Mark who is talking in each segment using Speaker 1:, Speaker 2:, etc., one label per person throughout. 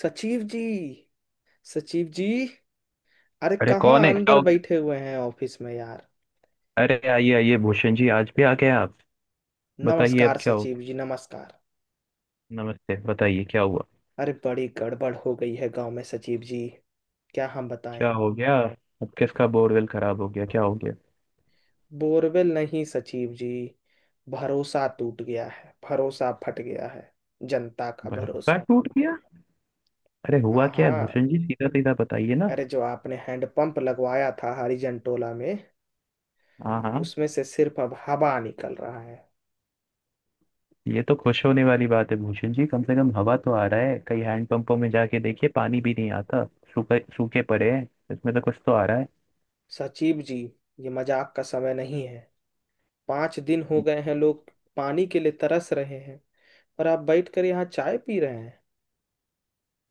Speaker 1: सचिव जी। सचिव जी। अरे
Speaker 2: अरे
Speaker 1: कहाँ
Speaker 2: कौन है, क्या
Speaker 1: अंदर
Speaker 2: हो गया?
Speaker 1: बैठे हुए हैं ऑफिस में यार।
Speaker 2: अरे आइए आइए भूषण जी, आज भी आ गए आप। बताइए, अब
Speaker 1: नमस्कार
Speaker 2: क्या हो
Speaker 1: सचिव
Speaker 2: गया?
Speaker 1: जी, नमस्कार।
Speaker 2: नमस्ते, बताइए क्या हुआ।
Speaker 1: अरे बड़ी गड़बड़ हो गई है गांव में सचिव जी। क्या हम बताएं।
Speaker 2: क्या हो गया? अब किसका बोरवेल खराब हो गया, क्या हो गया?
Speaker 1: बोरवेल नहीं सचिव जी। भरोसा टूट गया है, भरोसा फट गया है। जनता का
Speaker 2: भरोसा
Speaker 1: भरोसा।
Speaker 2: टूट गया? अरे
Speaker 1: हाँ
Speaker 2: हुआ क्या है
Speaker 1: हाँ।
Speaker 2: भूषण जी, सीधा सीधा बताइए ना।
Speaker 1: अरे जो आपने हैंडपंप लगवाया था हरिजनटोला में,
Speaker 2: हाँ हाँ।
Speaker 1: उसमें से सिर्फ अब हवा निकल रहा है।
Speaker 2: ये तो खुश होने वाली बात है भूषण जी, कम से कम हवा तो आ रहा है। कई हैंडपंपों में जाके देखिए, पानी भी नहीं आता। सूखे सूखे पड़े हैं। इसमें तो कुछ तो आ रहा है।
Speaker 1: सचिव जी, ये मजाक का समय नहीं है। 5 दिन हो गए हैं, लोग पानी के लिए तरस रहे हैं और आप बैठ कर यहाँ चाय पी रहे हैं।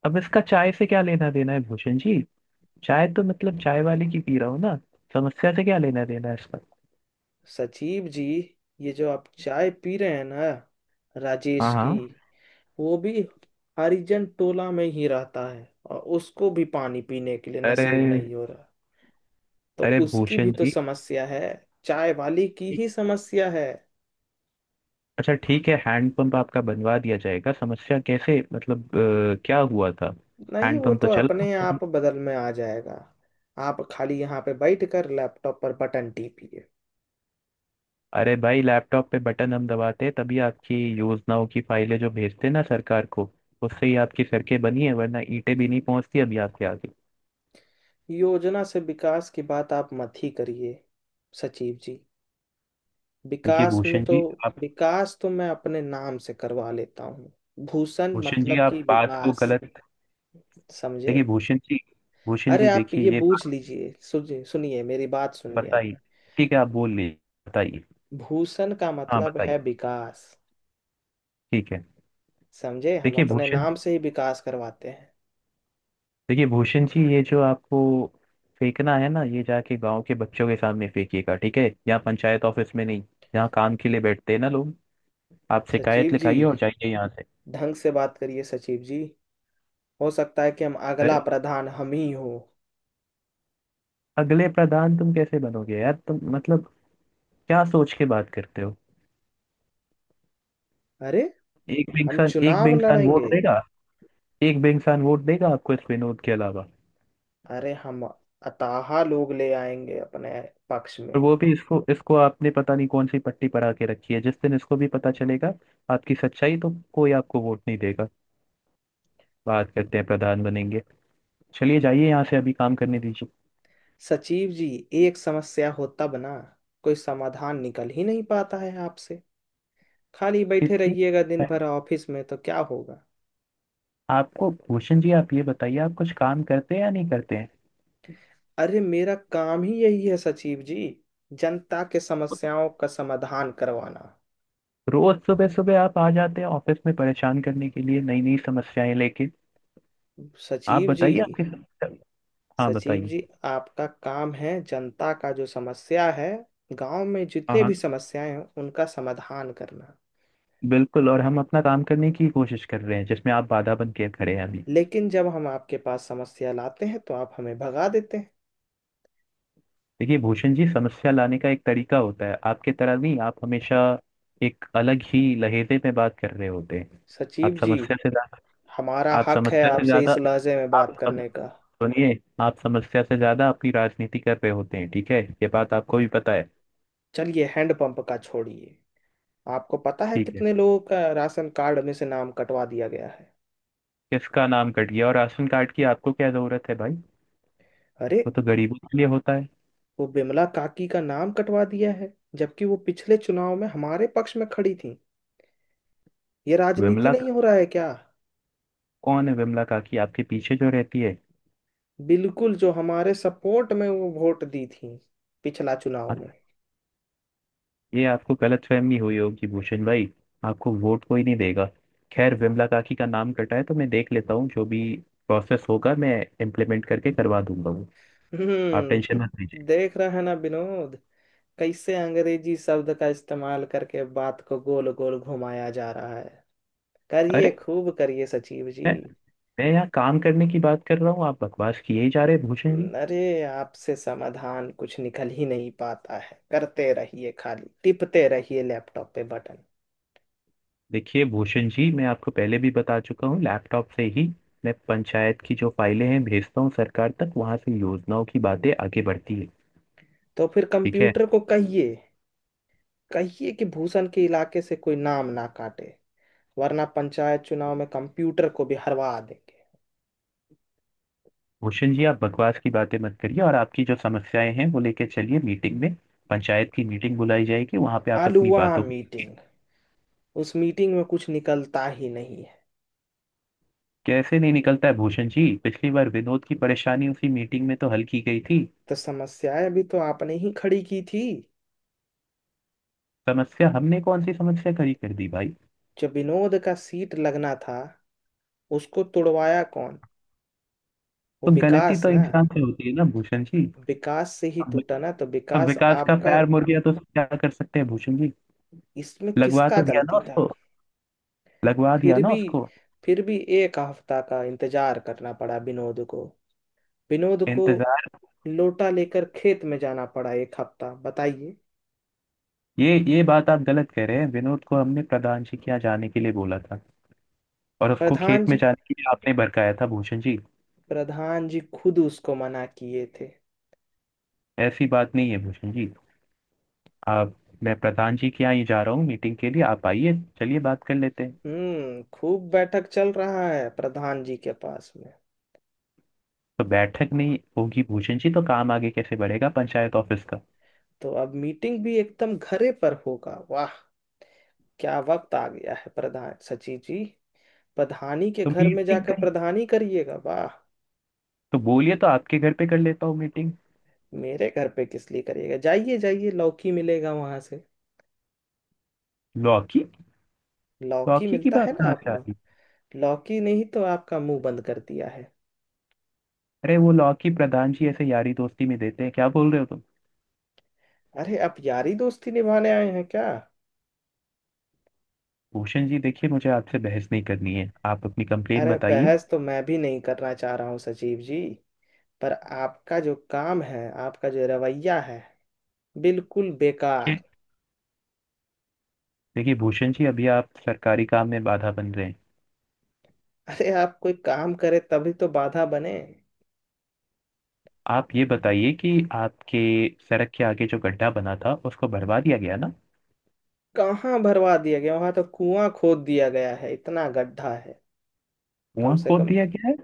Speaker 2: अब इसका चाय से क्या लेना देना है भूषण जी? चाय तो मतलब चाय वाली की पी रहा हूँ ना। समस्या से क्या लेना देना है इसका?
Speaker 1: सचिव जी, ये जो आप चाय पी रहे हैं ना, राजेश
Speaker 2: हाँ
Speaker 1: की।
Speaker 2: हाँ।
Speaker 1: वो भी हरिजन टोला में ही रहता है और उसको भी पानी पीने के लिए
Speaker 2: अरे।
Speaker 1: नसीब नहीं हो रहा। तो
Speaker 2: अरे
Speaker 1: उसकी भी
Speaker 2: भूषण
Speaker 1: तो
Speaker 2: जी।
Speaker 1: समस्या है। चाय वाली की ही समस्या है।
Speaker 2: अच्छा ठीक है, हैंडपंप आपका बनवा दिया जाएगा। समस्या कैसे, मतलब क्या हुआ था?
Speaker 1: नहीं, वो
Speaker 2: हैंडपंप
Speaker 1: तो
Speaker 2: तो चल रहा
Speaker 1: अपने
Speaker 2: था।
Speaker 1: आप बदल में आ जाएगा। आप खाली यहाँ पे बैठ कर लैपटॉप पर बटन टीपिए।
Speaker 2: अरे भाई, लैपटॉप पे बटन हम दबाते हैं तभी आपकी योजनाओं की फाइलें जो भेजते हैं ना सरकार को, उससे ही आपकी सड़कें बनी है। वरना ईंटें भी नहीं पहुंचती अभी आपके आगे।
Speaker 1: योजना से विकास की बात आप मत ही करिए सचिव जी।
Speaker 2: देखिए
Speaker 1: विकास में तो, विकास तो मैं अपने नाम से करवा लेता हूँ। भूषण
Speaker 2: भूषण जी
Speaker 1: मतलब कि
Speaker 2: आप बात को
Speaker 1: विकास।
Speaker 2: गलत।
Speaker 1: समझे।
Speaker 2: देखिए भूषण
Speaker 1: अरे
Speaker 2: जी
Speaker 1: आप
Speaker 2: देखिए
Speaker 1: ये
Speaker 2: ये
Speaker 1: बूझ
Speaker 2: बात।
Speaker 1: लीजिए। सुनिए सुनिए मेरी बात सुनिए आप।
Speaker 2: बताइए। ठीक है, आप बोल लीजिए। बताइए।
Speaker 1: भूषण का
Speaker 2: हाँ
Speaker 1: मतलब है
Speaker 2: बताइए।
Speaker 1: विकास।
Speaker 2: ठीक है।
Speaker 1: समझे, हम
Speaker 2: देखिए
Speaker 1: अपने
Speaker 2: भूषण
Speaker 1: नाम से ही विकास करवाते हैं।
Speaker 2: देखिए भूषण जी, ये जो आपको फेंकना है ना, ये जाके गांव के बच्चों के सामने फेंकिएगा, ठीक है? यहाँ पंचायत ऑफिस में नहीं। यहाँ काम के लिए बैठते हैं ना लोग। आप शिकायत
Speaker 1: सचिव जी,
Speaker 2: लिखाइए और जाइए यहाँ से।
Speaker 1: ढंग से बात करिए सचिव जी। हो सकता है कि हम
Speaker 2: अरे
Speaker 1: अगला प्रधान हम ही हो।
Speaker 2: अगले प्रधान तुम कैसे बनोगे यार? तुम मतलब क्या सोच के बात करते हो?
Speaker 1: अरे हम
Speaker 2: एक भी
Speaker 1: चुनाव
Speaker 2: इंसान वोट
Speaker 1: लड़ेंगे।
Speaker 2: देगा? एक भी इंसान वोट देगा आपको इस विनोद के अलावा?
Speaker 1: अरे हम अताहा लोग ले आएंगे अपने पक्ष में।
Speaker 2: और वो भी, इसको इसको आपने पता नहीं कौन सी पट्टी पर आके रखी है। जिस दिन इसको भी पता चलेगा आपकी सच्चाई, तो कोई आपको वोट नहीं देगा। बात करते हैं प्रधान बनेंगे। चलिए जाइए यहाँ से, अभी काम करने दीजिए।
Speaker 1: सचिव जी, एक समस्या होता बना, कोई समाधान निकल ही नहीं पाता है आपसे। खाली बैठे
Speaker 2: इतनी
Speaker 1: रहिएगा दिन भर ऑफिस में तो क्या होगा।
Speaker 2: आपको, भूषण जी आप ये बताइए, आप कुछ काम करते हैं या नहीं करते हैं?
Speaker 1: अरे मेरा काम ही यही है सचिव जी। जनता के समस्याओं का समाधान करवाना।
Speaker 2: रोज सुबह सुबह आप आ जाते हैं ऑफिस में परेशान करने के लिए नई नई समस्याएं लेके। आप
Speaker 1: सचिव जी।
Speaker 2: बताइए आपकी समस्या। हाँ
Speaker 1: सचिव
Speaker 2: बताइए।
Speaker 1: जी, आपका काम है जनता का जो समस्या है, गांव में
Speaker 2: हाँ
Speaker 1: जितने
Speaker 2: हाँ,
Speaker 1: भी समस्याएं हैं उनका समाधान करना।
Speaker 2: बिल्कुल। और हम अपना काम करने की कोशिश कर रहे हैं, जिसमें आप बाधा बन के खड़े हैं अभी।
Speaker 1: लेकिन जब हम आपके पास समस्या लाते हैं तो आप हमें भगा देते हैं।
Speaker 2: देखिए भूषण जी, समस्या लाने का एक तरीका होता है, आपके तरह नहीं। आप हमेशा एक अलग ही लहजे में बात कर रहे होते हैं।
Speaker 1: सचिव
Speaker 2: आप
Speaker 1: जी,
Speaker 2: समस्या से ज्यादा
Speaker 1: हमारा
Speaker 2: आप
Speaker 1: हक है
Speaker 2: समस्या से
Speaker 1: आपसे
Speaker 2: ज्यादा
Speaker 1: इस लहजे में
Speaker 2: आप
Speaker 1: बात करने का।
Speaker 2: सुनिए। आप समस्या से ज्यादा अपनी राजनीति कर रहे होते हैं, ठीक है? ये बात आपको भी पता है।
Speaker 1: चलिए हैंडपंप का छोड़िए। आपको पता है
Speaker 2: ठीक है।
Speaker 1: कितने लोगों का राशन कार्ड में से नाम कटवा दिया गया है।
Speaker 2: किसका नाम कट गया? और राशन कार्ड की आपको क्या जरूरत है भाई?
Speaker 1: अरे
Speaker 2: वो तो गरीबों के लिए होता है।
Speaker 1: वो बिमला काकी का नाम कटवा दिया है, जबकि वो पिछले चुनाव में हमारे पक्ष में खड़ी थी। ये राजनीति
Speaker 2: विमला
Speaker 1: नहीं
Speaker 2: का?
Speaker 1: हो रहा है क्या।
Speaker 2: कौन है विमला काकी, आपके पीछे जो रहती है?
Speaker 1: बिल्कुल, जो हमारे सपोर्ट में वो वोट दी थी, पिछला चुनाव
Speaker 2: हाँ।
Speaker 1: में।
Speaker 2: ये आपको गलतफहमी हुई होगी भूषण भाई, आपको वोट कोई नहीं देगा। खैर, विमला काकी का नाम कटा है तो मैं देख लेता हूँ। जो भी प्रोसेस होगा, मैं इम्प्लीमेंट करके करवा दूंगा वो। आप टेंशन मत
Speaker 1: हम्म,
Speaker 2: लीजिए।
Speaker 1: देख रहा है ना विनोद, कैसे अंग्रेजी शब्द का इस्तेमाल करके बात को गोल गोल घुमाया जा रहा है। करिए,
Speaker 2: अरे,
Speaker 1: खूब करिए सचिव जी।
Speaker 2: मैं मैं यहाँ काम करने की बात कर रहा हूँ, आप बकवास किए ही जा रहे हैं भूषण जी।
Speaker 1: अरे आपसे समाधान कुछ निकल ही नहीं पाता है। करते रहिए, खाली टिपते रहिए लैपटॉप पे बटन।
Speaker 2: देखिए भूषण जी, मैं आपको पहले भी बता चुका हूँ, लैपटॉप से ही मैं पंचायत की जो फाइलें हैं भेजता हूँ सरकार तक, वहां से योजनाओं की बातें आगे बढ़ती है।
Speaker 1: तो फिर
Speaker 2: ठीक है
Speaker 1: कंप्यूटर को कहिए। कहिए कि भूषण के इलाके से कोई नाम ना काटे, वरना पंचायत चुनाव में कंप्यूटर को भी हरवा देंगे।
Speaker 2: भूषण जी, आप बकवास की बातें मत करिए, और आपकी जो समस्याएं हैं वो लेके चलिए मीटिंग में। पंचायत की मीटिंग बुलाई जाएगी, वहां पे आप अपनी
Speaker 1: आलूवा
Speaker 2: बातों को।
Speaker 1: मीटिंग। उस मीटिंग में कुछ निकलता ही नहीं है।
Speaker 2: कैसे नहीं निकलता है भूषण जी? पिछली बार विनोद की परेशानी उसी मीटिंग में तो हल की गई थी।
Speaker 1: तो समस्याएं भी तो आपने ही खड़ी की थी।
Speaker 2: समस्या, हमने कौन सी समस्या खड़ी कर दी भाई?
Speaker 1: जो विनोद का सीट लगना था, उसको तुड़वाया कौन। वो
Speaker 2: तो गलती
Speaker 1: विकास
Speaker 2: तो
Speaker 1: ना।
Speaker 2: इंसान से होती है ना भूषण जी।
Speaker 1: विकास से ही
Speaker 2: हम।
Speaker 1: टूटा ना, तो
Speaker 2: अब
Speaker 1: विकास
Speaker 2: विकास का
Speaker 1: आपका।
Speaker 2: पैर मुड़ गया तो उसको क्या कर सकते हैं भूषण जी?
Speaker 1: इसमें
Speaker 2: लगवा
Speaker 1: किसका
Speaker 2: तो दिया ना
Speaker 1: गलती था।
Speaker 2: उसको। लगवा दिया
Speaker 1: फिर
Speaker 2: ना
Speaker 1: भी
Speaker 2: उसको।
Speaker 1: फिर भी 1 हफ्ता का इंतजार करना पड़ा विनोद को। विनोद को
Speaker 2: इंतजार।
Speaker 1: लोटा लेकर खेत में जाना पड़ा 1 हफ्ता, बताइए।
Speaker 2: ये बात आप गलत कह रहे हैं। विनोद को हमने प्रधान जी के यहाँ जाने के लिए बोला था, और उसको
Speaker 1: प्रधान
Speaker 2: खेत में
Speaker 1: जी,
Speaker 2: जाने के लिए आपने भड़काया था भूषण जी।
Speaker 1: प्रधान जी खुद उसको मना किए थे।
Speaker 2: ऐसी बात नहीं है भूषण जी। आप, मैं प्रधान जी के यहाँ ही जा रहा हूँ मीटिंग के लिए, आप आइए। चलिए बात कर लेते हैं।
Speaker 1: हम्म, खूब बैठक चल रहा है प्रधान जी के पास में।
Speaker 2: तो बैठक नहीं होगी भूषण जी, तो काम आगे कैसे बढ़ेगा पंचायत ऑफिस का?
Speaker 1: तो अब मीटिंग भी एकदम घरे पर होगा, वाह। क्या वक्त आ गया है प्रधान सचिव जी। प्रधानी के
Speaker 2: तो
Speaker 1: घर में
Speaker 2: मीटिंग
Speaker 1: जाकर
Speaker 2: कहीं,
Speaker 1: प्रधानी करिएगा, वाह।
Speaker 2: तो बोलिए तो आपके घर पे कर लेता हूँ मीटिंग।
Speaker 1: मेरे घर पे किस लिए करिएगा। जाइए जाइए, लौकी मिलेगा वहां से।
Speaker 2: लौकी?
Speaker 1: लौकी
Speaker 2: लौकी की
Speaker 1: मिलता है
Speaker 2: बात
Speaker 1: ना
Speaker 2: कहाँ से आ
Speaker 1: आपको।
Speaker 2: रही है?
Speaker 1: लौकी नहीं तो आपका मुंह बंद कर दिया है।
Speaker 2: अरे वो लॉकी प्रधान जी ऐसे यारी दोस्ती में देते हैं? क्या बोल रहे हो तुम?
Speaker 1: अरे आप यारी दोस्ती निभाने आए हैं क्या।
Speaker 2: भूषण जी देखिए, मुझे आपसे बहस नहीं करनी है, आप अपनी कंप्लेन
Speaker 1: अरे
Speaker 2: बताइए।
Speaker 1: बहस तो मैं भी नहीं करना चाह रहा हूँ सचिव जी। पर आपका जो काम है, आपका जो रवैया है, बिल्कुल बेकार।
Speaker 2: देखिए देखिए भूषण जी, अभी आप सरकारी काम में बाधा बन रहे हैं।
Speaker 1: अरे आप कोई काम करे तभी तो बाधा बने।
Speaker 2: आप ये बताइए कि आपके सड़क के आगे जो गड्ढा बना था, उसको भरवा दिया गया ना?
Speaker 1: कहाँ भरवा दिया गया, वहां तो कुआं खोद दिया गया है, इतना गड्ढा है। कम
Speaker 2: कुआं
Speaker 1: से
Speaker 2: खोद
Speaker 1: कम,
Speaker 2: दिया गया है।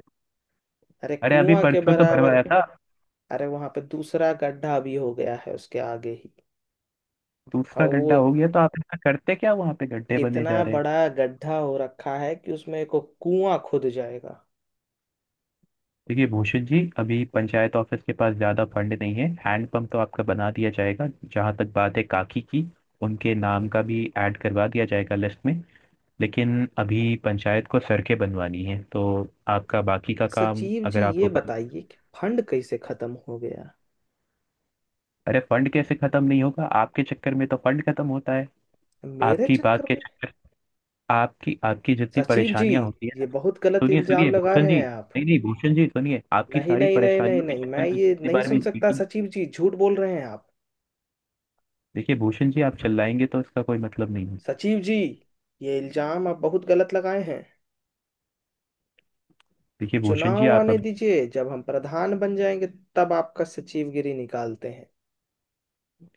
Speaker 1: अरे
Speaker 2: अरे अभी
Speaker 1: कुआं के
Speaker 2: परसों तो
Speaker 1: बराबर।
Speaker 2: भरवाया था।
Speaker 1: अरे वहां पे दूसरा गड्ढा भी हो गया है उसके आगे ही। और
Speaker 2: दूसरा
Speaker 1: वो
Speaker 2: गड्ढा हो गया, तो आप ऐसा करते क्या वहां पे गड्ढे बने जा
Speaker 1: इतना
Speaker 2: रहे हैं?
Speaker 1: बड़ा गड्ढा हो रखा है कि उसमें को कुआं खुद जाएगा।
Speaker 2: देखिए भूषण जी, अभी पंचायत ऑफिस के पास ज़्यादा फंड नहीं है। हैंडपम्प तो आपका बना दिया जाएगा। जहाँ तक बात है काकी की, उनके नाम का भी ऐड करवा दिया जाएगा लिस्ट में। लेकिन अभी पंचायत को सड़कें बनवानी है तो आपका बाकी का काम,
Speaker 1: सचिव जी,
Speaker 2: अगर
Speaker 1: ये
Speaker 2: आपको करना।
Speaker 1: बताइए कि फंड कैसे खत्म हो गया।
Speaker 2: अरे फंड कैसे ख़त्म नहीं होगा, आपके चक्कर में तो फंड ख़त्म होता है।
Speaker 1: मेरे
Speaker 2: आपकी बात
Speaker 1: चक्कर
Speaker 2: के
Speaker 1: में?
Speaker 2: चक्कर, आपकी आपकी जितनी
Speaker 1: सचिव जी,
Speaker 2: परेशानियां होती
Speaker 1: ये
Speaker 2: है।
Speaker 1: बहुत गलत
Speaker 2: सुनिए
Speaker 1: इल्जाम
Speaker 2: सुनिए
Speaker 1: लगा
Speaker 2: भूषण
Speaker 1: रहे
Speaker 2: जी।
Speaker 1: हैं आप।
Speaker 2: नहीं नहीं भूषण जी सुनिए, आपकी
Speaker 1: नहीं
Speaker 2: सारी
Speaker 1: नहीं नहीं नहीं
Speaker 2: परेशानियों के
Speaker 1: नहीं,
Speaker 2: चक्कर
Speaker 1: मैं
Speaker 2: में
Speaker 1: ये
Speaker 2: जितनी
Speaker 1: नहीं
Speaker 2: बार भी
Speaker 1: सुन सकता।
Speaker 2: मीटिंग।
Speaker 1: सचिव जी झूठ बोल रहे हैं आप।
Speaker 2: देखिए भूषण जी, आप चिल्लाएंगे तो इसका कोई मतलब नहीं है।
Speaker 1: सचिव जी, ये इल्जाम आप बहुत गलत लगाए हैं।
Speaker 2: देखिए भूषण जी,
Speaker 1: चुनाव
Speaker 2: आप
Speaker 1: आने
Speaker 2: अभी,
Speaker 1: दीजिए, जब हम प्रधान बन जाएंगे तब आपका सचिवगिरी निकालते हैं।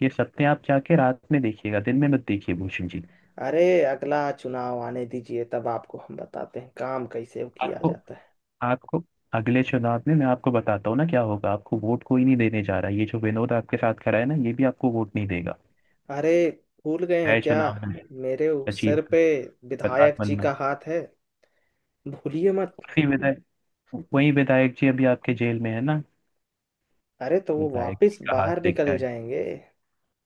Speaker 2: ये सत्य आप जाके रात में देखिएगा, दिन में मत देखिए भूषण जी।
Speaker 1: अरे अगला चुनाव आने दीजिए, तब आपको हम बताते हैं काम कैसे किया
Speaker 2: आपको
Speaker 1: जाता है।
Speaker 2: आपको अगले चुनाव में मैं आपको बताता हूँ ना क्या होगा। आपको वोट कोई नहीं देने जा रहा है। ये जो विनोद आपके साथ खड़ा है ना, ये भी आपको वोट नहीं देगा।
Speaker 1: अरे भूल गए हैं
Speaker 2: नए
Speaker 1: क्या।
Speaker 2: चुनाव में
Speaker 1: मेरे उस
Speaker 2: सचिव,
Speaker 1: सर पे
Speaker 2: प्रधान
Speaker 1: विधायक जी
Speaker 2: बनना।
Speaker 1: का हाथ है, भूलिए मत।
Speaker 2: उसी विधायक वही विधायक जी अभी आपके जेल में है ना?
Speaker 1: अरे तो वो
Speaker 2: विधायक जी
Speaker 1: वापस
Speaker 2: का
Speaker 1: बाहर
Speaker 2: हाथ लग गया
Speaker 1: निकल
Speaker 2: है।
Speaker 1: जाएंगे।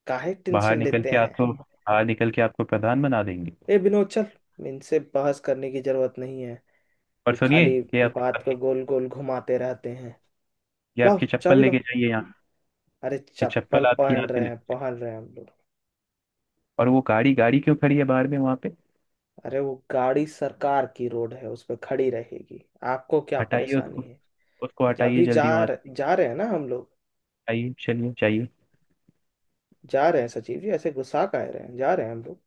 Speaker 1: काहे टेंशन लेते हैं।
Speaker 2: बाहर निकल के आपको प्रधान बना देंगे।
Speaker 1: ए विनोद, चल इनसे बहस करने की जरूरत नहीं है।
Speaker 2: और
Speaker 1: ये
Speaker 2: सुनिए,
Speaker 1: खाली
Speaker 2: ये
Speaker 1: बात
Speaker 2: आपकी
Speaker 1: को गोल गोल घुमाते रहते हैं।
Speaker 2: ये
Speaker 1: लाओ,
Speaker 2: आपकी चप्पल
Speaker 1: चाबी
Speaker 2: लेके
Speaker 1: लाओ।
Speaker 2: जाइए यहाँ।
Speaker 1: अरे
Speaker 2: ये
Speaker 1: चप्पल
Speaker 2: चप्पल आपकी यहाँ
Speaker 1: पहन
Speaker 2: से
Speaker 1: रहे हैं,
Speaker 2: लगी।
Speaker 1: पहन रहे हैं हम लोग।
Speaker 2: और वो गाड़ी गाड़ी क्यों खड़ी है बाहर में वहां पे?
Speaker 1: अरे वो गाड़ी सरकार की रोड है, उस पर खड़ी रहेगी। आपको क्या
Speaker 2: हटाइए
Speaker 1: परेशानी
Speaker 2: उसको।
Speaker 1: है।
Speaker 2: उसको हटाइए
Speaker 1: अभी जा,
Speaker 2: जल्दी वहां से।
Speaker 1: जा रहे हैं ना हम लोग।
Speaker 2: हटाइए चलिए चाहिए।
Speaker 1: जा रहे हैं सचिव जी, ऐसे गुस्सा का रहे हैं, जा रहे हैं हम लोग।